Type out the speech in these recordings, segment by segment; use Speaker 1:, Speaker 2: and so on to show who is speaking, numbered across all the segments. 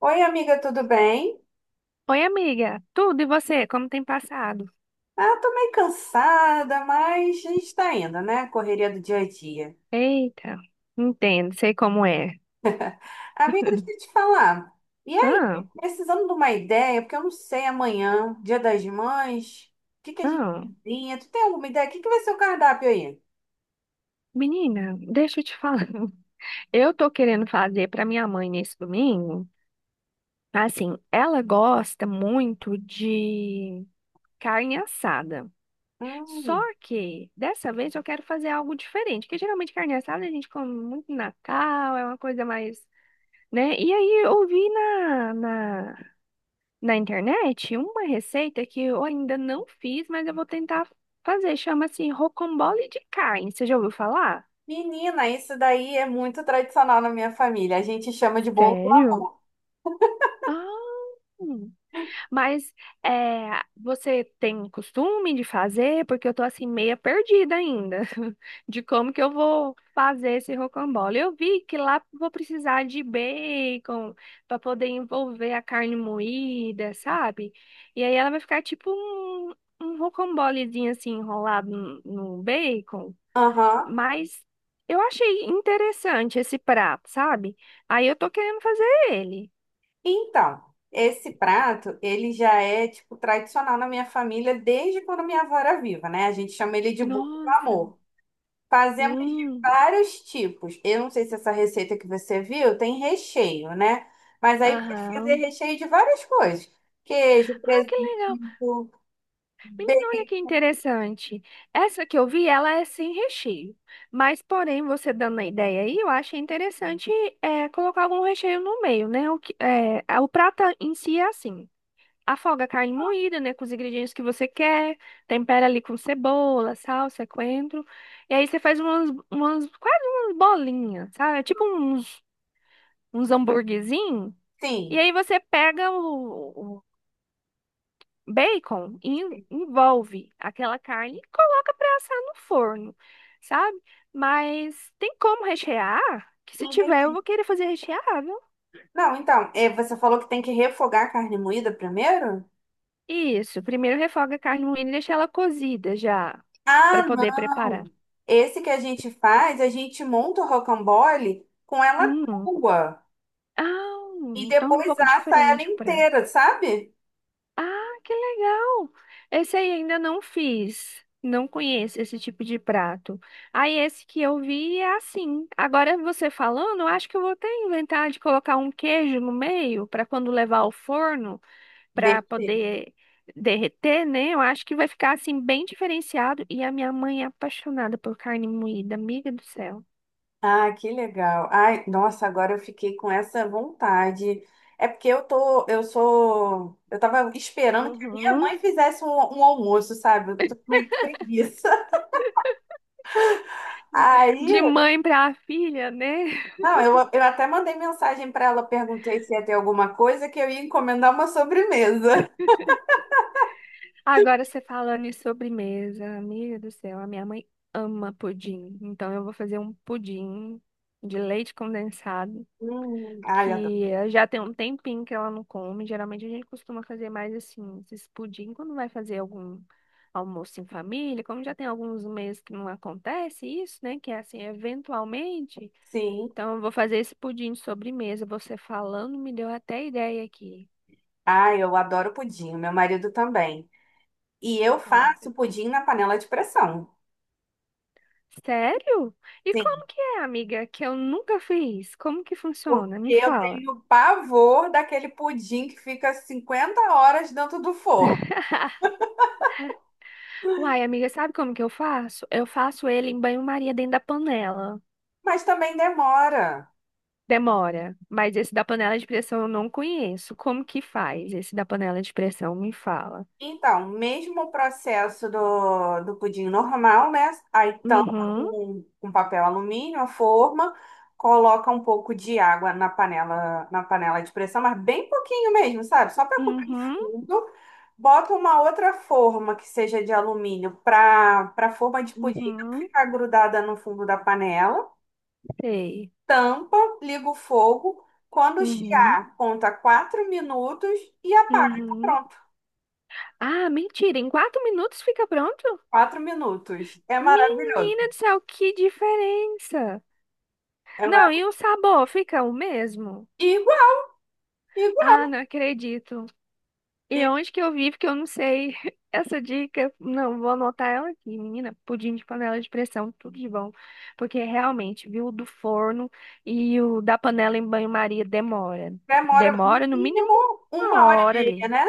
Speaker 1: Oi, amiga, tudo bem?
Speaker 2: Oi, amiga. Tudo e você? Como tem passado?
Speaker 1: Ah, tô meio cansada, mas a gente tá indo, né? Correria do dia a dia.
Speaker 2: Eita, entendo, sei como é.
Speaker 1: Amiga, deixa eu te falar. E aí,
Speaker 2: Ah,
Speaker 1: precisando de uma ideia, porque eu não sei amanhã, Dia das Mães, o que que a gente
Speaker 2: ah,
Speaker 1: cozinha? Tu tem alguma ideia? O que que vai ser o cardápio aí?
Speaker 2: menina, deixa eu te falar. Eu tô querendo fazer pra minha mãe nesse domingo. Assim, ela gosta muito de carne assada. Só
Speaker 1: Hum,
Speaker 2: que dessa vez eu quero fazer algo diferente, porque geralmente carne assada a gente come muito no Natal, é uma coisa mais, né? E aí eu vi na internet uma receita que eu ainda não fiz, mas eu vou tentar fazer. Chama-se rocambole de carne. Você já ouviu falar?
Speaker 1: Menina, isso daí é muito tradicional na minha família. A gente chama de bolo do
Speaker 2: Sério?
Speaker 1: amor.
Speaker 2: Ah, mas é, você tem um costume de fazer? Porque eu tô assim meia perdida ainda de como que eu vou fazer esse rocambole. Eu vi que lá vou precisar de bacon para poder envolver a carne moída, sabe? E aí ela vai ficar tipo um rocambolezinho assim enrolado no bacon.
Speaker 1: Aham.
Speaker 2: Mas eu achei interessante esse prato, sabe? Aí eu tô querendo fazer ele.
Speaker 1: Então, esse prato, ele já é, tipo, tradicional na minha família desde quando minha avó era viva, né? A gente chama ele de bolo do
Speaker 2: Nossa.
Speaker 1: amor. Fazemos de
Speaker 2: Hum.
Speaker 1: vários tipos. Eu não sei se essa receita que você viu tem recheio, né? Mas aí pode fazer
Speaker 2: Aham.
Speaker 1: recheio de várias coisas. Queijo,
Speaker 2: Ah, que legal.
Speaker 1: presunto,
Speaker 2: Menina, olha
Speaker 1: bacon.
Speaker 2: que interessante. Essa que eu vi, ela é sem recheio. Mas, porém, você dando a ideia aí, eu achei interessante colocar algum recheio no meio, né? O prato em si é assim. Afoga a carne moída, né? Com os ingredientes que você quer. Tempera ali com cebola, salsa, coentro. E aí você faz umas, umas quase umas bolinhas, sabe? É, tipo uns hamburguezinhos. E
Speaker 1: Sim,
Speaker 2: aí você pega bacon e envolve aquela carne e coloca para assar no forno, sabe? Mas tem como rechear? Que se tiver, eu
Speaker 1: entendi.
Speaker 2: vou querer fazer recheado.
Speaker 1: Não, então, é, você falou que tem que refogar a carne moída primeiro?
Speaker 2: Isso, primeiro refoga a carne moída e deixa ela cozida já, para
Speaker 1: Ah,
Speaker 2: poder preparar.
Speaker 1: não. Esse que a gente faz, a gente monta o rocambole com ela
Speaker 2: Hum.
Speaker 1: crua
Speaker 2: Ah,
Speaker 1: e
Speaker 2: então é um
Speaker 1: depois
Speaker 2: pouco
Speaker 1: assa ela
Speaker 2: diferente o prato.
Speaker 1: inteira, sabe?
Speaker 2: Ah, que legal! Esse aí ainda não fiz. Não conheço esse tipo de prato. Aí esse que eu vi é assim. Agora você falando, eu acho que eu vou até inventar de colocar um queijo no meio para quando levar ao forno, para
Speaker 1: Derreter.
Speaker 2: poder derreter, né? Eu acho que vai ficar assim bem diferenciado. E a minha mãe é apaixonada por carne moída, amiga do céu.
Speaker 1: Ah, que legal. Ai, nossa, agora eu fiquei com essa vontade. É porque eu tô, eu sou, eu tava esperando que a minha
Speaker 2: Uhum.
Speaker 1: mãe fizesse um almoço, sabe? Eu tô com meio que preguiça.
Speaker 2: De
Speaker 1: Aí,
Speaker 2: mãe para filha, né?
Speaker 1: não, eu até mandei mensagem pra ela, perguntei se ia ter alguma coisa que eu ia encomendar uma sobremesa.
Speaker 2: Agora você falando em sobremesa, amiga do céu, a minha mãe ama pudim. Então eu vou fazer um pudim de leite condensado,
Speaker 1: Ai, adoro.
Speaker 2: que já tem um tempinho que ela não come. Geralmente a gente costuma fazer mais assim, esses pudim quando vai fazer algum almoço em família, como já tem alguns meses que não acontece isso, né? Que é assim, eventualmente.
Speaker 1: Sim.
Speaker 2: Então eu vou fazer esse pudim de sobremesa. Você falando me deu até ideia aqui.
Speaker 1: Ah, eu adoro pudim, meu marido também. E eu faço pudim na panela de pressão.
Speaker 2: Sério? E
Speaker 1: Sim,
Speaker 2: como que é, amiga? Que eu nunca fiz. Como que funciona? Me
Speaker 1: porque eu
Speaker 2: fala.
Speaker 1: tenho pavor daquele pudim que fica 50 horas dentro do forno.
Speaker 2: Uai, amiga, sabe como que eu faço? Eu faço ele em banho-maria dentro da panela.
Speaker 1: Mas também demora.
Speaker 2: Demora, mas esse da panela de pressão eu não conheço. Como que faz esse da panela de pressão? Me fala.
Speaker 1: Então, mesmo o processo do pudim normal, né? Aí tampa
Speaker 2: Uhum,
Speaker 1: com papel alumínio a forma, coloca um pouco de água na panela de pressão, mas bem pouquinho mesmo, sabe? Só para cobrir o
Speaker 2: uhum,
Speaker 1: fundo. Bota uma outra forma que seja de alumínio para a forma de pudim não
Speaker 2: uhum,
Speaker 1: ficar grudada no fundo da panela.
Speaker 2: sei.
Speaker 1: Tampa, liga o fogo. Quando
Speaker 2: Uhum,
Speaker 1: chiar, conta 4 minutos e apaga. Tá
Speaker 2: uhum.
Speaker 1: pronto.
Speaker 2: Ah, mentira, em 4 minutos fica pronto?
Speaker 1: 4 minutos. É maravilhoso.
Speaker 2: Menina do céu, que diferença!
Speaker 1: É
Speaker 2: Não,
Speaker 1: mar...
Speaker 2: e o sabor fica o mesmo?
Speaker 1: Igual, igual.
Speaker 2: Ah, não acredito. E
Speaker 1: E
Speaker 2: onde que eu vivo que eu não sei essa dica? Não, vou anotar ela aqui, menina. Pudim de panela de pressão, tudo de bom. Porque realmente, viu, o do forno e o da panela em banho-maria demora.
Speaker 1: demora no
Speaker 2: Demora no mínimo
Speaker 1: mínimo
Speaker 2: uma
Speaker 1: uma hora e
Speaker 2: hora
Speaker 1: meia,
Speaker 2: ali.
Speaker 1: né?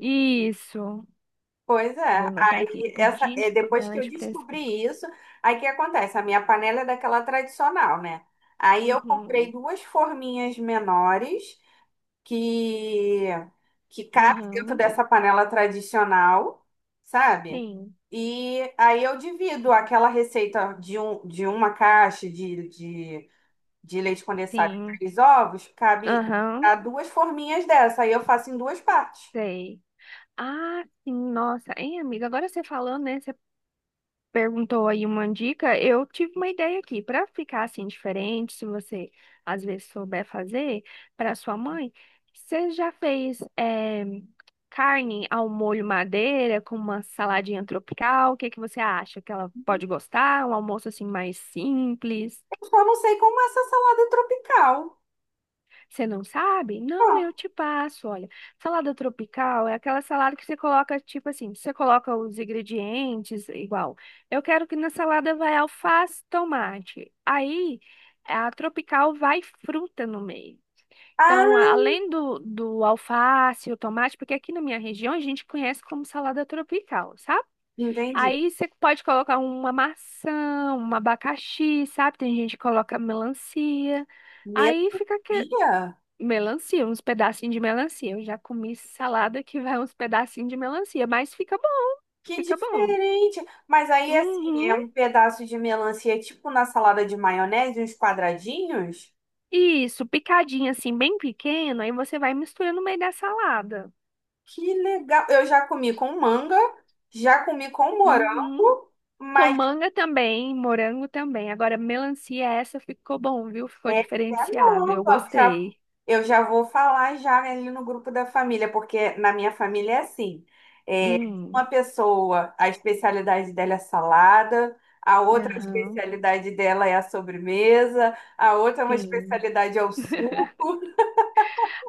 Speaker 2: Isso.
Speaker 1: Pois
Speaker 2: Vou
Speaker 1: é.
Speaker 2: anotar aqui.
Speaker 1: Aí essa,
Speaker 2: Pudim
Speaker 1: é,
Speaker 2: de
Speaker 1: depois
Speaker 2: panela
Speaker 1: que eu
Speaker 2: de pressão.
Speaker 1: descobri isso, aí o que acontece? A minha panela é daquela tradicional, né? Aí eu comprei
Speaker 2: Uhum.
Speaker 1: duas forminhas menores que que cabem dentro
Speaker 2: Aham.
Speaker 1: dessa panela tradicional, sabe?
Speaker 2: Sim.
Speaker 1: E aí eu divido aquela receita de uma caixa de leite condensado e
Speaker 2: Sim.
Speaker 1: três ovos, cabe
Speaker 2: Aham.
Speaker 1: a duas forminhas dessa. Aí eu faço em duas partes.
Speaker 2: Sei. Ah, sim, nossa. Hein, amiga, agora você falando, né? Você perguntou aí uma dica. Eu tive uma ideia aqui. Para ficar assim diferente, se você às vezes souber fazer, para sua mãe, você já fez carne ao molho madeira com uma saladinha tropical? O que que você acha? Que ela pode gostar? Um almoço assim mais simples?
Speaker 1: Eu só não sei como é essa salada tropical.
Speaker 2: Você não sabe? Não, eu
Speaker 1: Ah,
Speaker 2: te passo. Olha, salada tropical é aquela salada que você coloca, tipo assim, você coloca os ingredientes igual. Eu quero que na salada vai alface, tomate. Aí, a tropical vai fruta no meio. Então,
Speaker 1: ah,
Speaker 2: além do alface, o tomate, porque aqui na minha região a gente conhece como salada tropical, sabe?
Speaker 1: entendi.
Speaker 2: Aí você pode colocar uma maçã, um abacaxi, sabe? Tem gente que coloca melancia. Aí
Speaker 1: Melancia?
Speaker 2: fica melancia, uns pedacinhos de melancia. Eu já comi salada que vai uns pedacinhos de melancia, mas fica bom,
Speaker 1: Que
Speaker 2: fica bom.
Speaker 1: diferente. Mas aí, assim, é
Speaker 2: Uhum.
Speaker 1: um pedaço de melancia, tipo na salada de maionese, uns quadradinhos.
Speaker 2: Isso, picadinho assim, bem pequeno, aí você vai misturando no meio da salada.
Speaker 1: Que legal. Eu já comi com manga, já comi com
Speaker 2: Uhum.
Speaker 1: morango,
Speaker 2: Com
Speaker 1: mas
Speaker 2: manga também, morango também. Agora, melancia, essa ficou bom, viu? Ficou
Speaker 1: essa é
Speaker 2: diferenciada. Eu
Speaker 1: nova, já,
Speaker 2: gostei.
Speaker 1: eu já vou falar já ali no grupo da família, porque na minha família é assim, é, uma
Speaker 2: Hum.
Speaker 1: pessoa, a especialidade dela é salada, a outra a
Speaker 2: Aham,
Speaker 1: especialidade dela é a sobremesa, a outra uma
Speaker 2: sim.
Speaker 1: especialidade é o suco.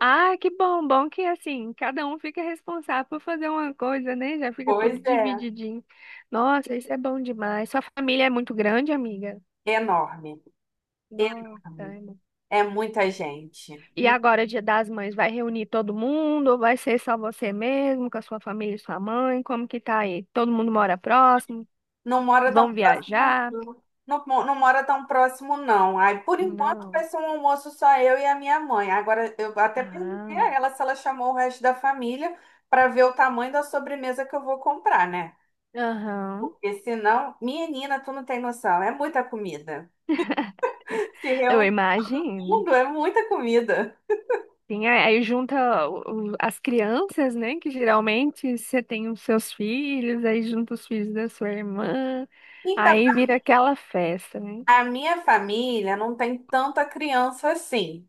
Speaker 2: Ah, que bom, bom que assim, cada um fica responsável por fazer uma coisa, né? Já fica tudo
Speaker 1: Pois é,
Speaker 2: divididinho. Nossa, isso é bom demais. Sua família é muito grande, amiga?
Speaker 1: enorme,
Speaker 2: Nossa.
Speaker 1: enorme. É muita gente.
Speaker 2: E agora, Dia das Mães, vai reunir todo mundo ou vai ser só você mesmo, com a sua família e sua mãe? Como que tá aí? Todo mundo mora próximo?
Speaker 1: Não mora tão
Speaker 2: Vão
Speaker 1: próximo,
Speaker 2: viajar?
Speaker 1: não. Não, não mora tão próximo, não. Aí, por enquanto,
Speaker 2: Não.
Speaker 1: vai ser um almoço só eu e a minha mãe. Agora, eu até perguntei
Speaker 2: Ah,
Speaker 1: a ela se ela chamou o resto da família para ver o tamanho da sobremesa que eu vou comprar, né?
Speaker 2: aham.
Speaker 1: Porque senão, menina, tu não tem noção, é muita comida. Se
Speaker 2: Eu
Speaker 1: reúne
Speaker 2: imagino.
Speaker 1: tudo, é muita comida.
Speaker 2: Sim, aí junta as crianças, né? Que geralmente você tem os seus filhos, aí junta os filhos da sua irmã,
Speaker 1: Então,
Speaker 2: aí vira aquela festa, né?
Speaker 1: a minha família não tem tanta criança assim.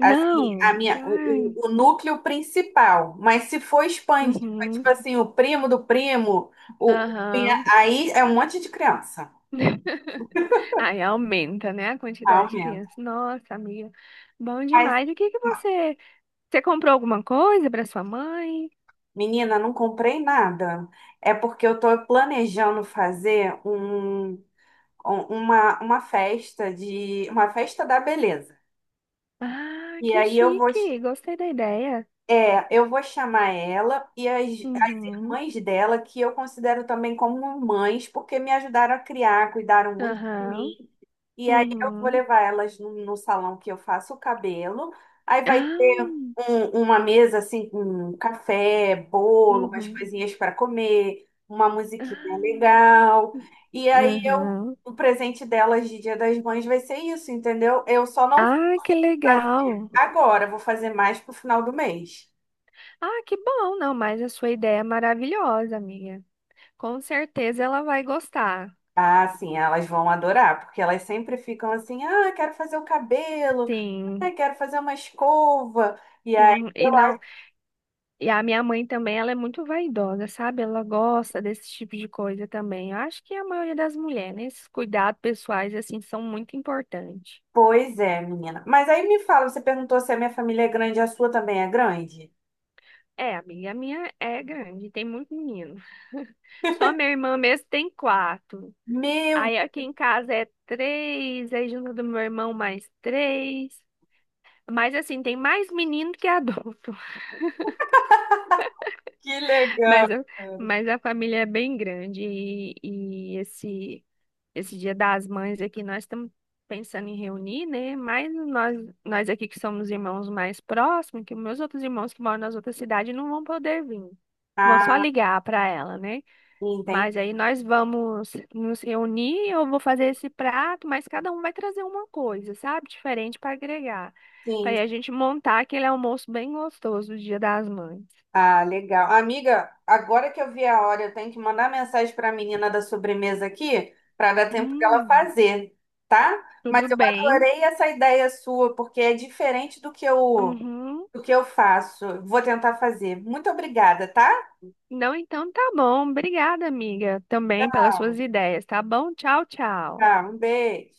Speaker 1: Assim, a minha,
Speaker 2: Ai,
Speaker 1: o núcleo principal, mas se for expandir, for, tipo
Speaker 2: uhum,
Speaker 1: assim, o primo do primo, o,
Speaker 2: aham.
Speaker 1: aí é um monte de criança.
Speaker 2: Aí aumenta, né, a quantidade de
Speaker 1: Aumenta.
Speaker 2: crianças. Nossa, amiga, bom
Speaker 1: Mas,
Speaker 2: demais. E o que que você... Você comprou alguma coisa para sua mãe?
Speaker 1: menina, não comprei nada. É porque eu tô planejando fazer uma festa da beleza.
Speaker 2: Ah,
Speaker 1: E
Speaker 2: que
Speaker 1: aí eu vou
Speaker 2: chique! Gostei da ideia.
Speaker 1: É, Eu vou chamar ela e as
Speaker 2: Uhum,
Speaker 1: irmãs dela, que eu considero também como mães, porque me ajudaram a criar, cuidaram muito de
Speaker 2: aham,
Speaker 1: mim. E aí eu vou
Speaker 2: uhum.
Speaker 1: levar elas no salão que eu faço o cabelo. Aí vai
Speaker 2: Ah,
Speaker 1: ter uma mesa assim com café, bolo, umas
Speaker 2: uhum.
Speaker 1: coisinhas para comer, uma musiquinha
Speaker 2: Aham.
Speaker 1: legal. E aí eu, o presente delas de Dia das Mães vai ser isso, entendeu? Eu só não vou
Speaker 2: Ah, que
Speaker 1: fazer
Speaker 2: legal.
Speaker 1: agora, vou fazer mais pro final do mês.
Speaker 2: Ah, que bom, não, mas a sua ideia é maravilhosa, amiga. Com certeza ela vai gostar.
Speaker 1: Ah, sim, elas vão adorar, porque elas sempre ficam assim, ah, quero fazer o cabelo,
Speaker 2: Sim.
Speaker 1: ah, quero fazer uma escova. E aí,
Speaker 2: Uhum. E não, e a minha mãe também, ela é muito vaidosa, sabe? Ela gosta desse tipo de coisa também. Eu acho que a maioria das mulheres, né? Esses cuidados pessoais assim são muito importantes.
Speaker 1: pois é, menina. Mas aí me fala, você perguntou se a minha família é grande, a sua também é grande?
Speaker 2: É, amiga, a minha é grande, tem muito menino. Só minha irmã mesmo tem quatro.
Speaker 1: Meu,
Speaker 2: Aí aqui em casa é três, aí junto do meu irmão mais três. Mas assim, tem mais menino que adulto.
Speaker 1: que
Speaker 2: Mas,
Speaker 1: legal.
Speaker 2: a- mas a família é bem grande. E esse Dia das Mães aqui, nós estamos pensando em reunir, né? Mas nós aqui que somos irmãos mais próximos, que meus outros irmãos que moram nas outras cidades não vão poder vir. Vão só
Speaker 1: Ah,
Speaker 2: ligar para ela, né?
Speaker 1: entendi.
Speaker 2: Mas aí nós vamos nos reunir, eu vou fazer esse prato, mas cada um vai trazer uma coisa, sabe? Diferente para agregar. Para aí a gente montar aquele almoço bem gostoso do Dia das Mães.
Speaker 1: Ah, legal. Amiga, agora que eu vi a hora, eu tenho que mandar mensagem para a menina da sobremesa aqui, para dar tempo dela
Speaker 2: Hum,
Speaker 1: fazer, tá?
Speaker 2: tudo
Speaker 1: Mas eu
Speaker 2: bem.
Speaker 1: adorei essa ideia sua, porque é diferente
Speaker 2: Uhum.
Speaker 1: do que eu faço. Vou tentar fazer. Muito obrigada, tá?
Speaker 2: Não, então tá bom. Obrigada, amiga, também pelas suas ideias, tá bom? Tchau, tchau.
Speaker 1: Tá, um beijo.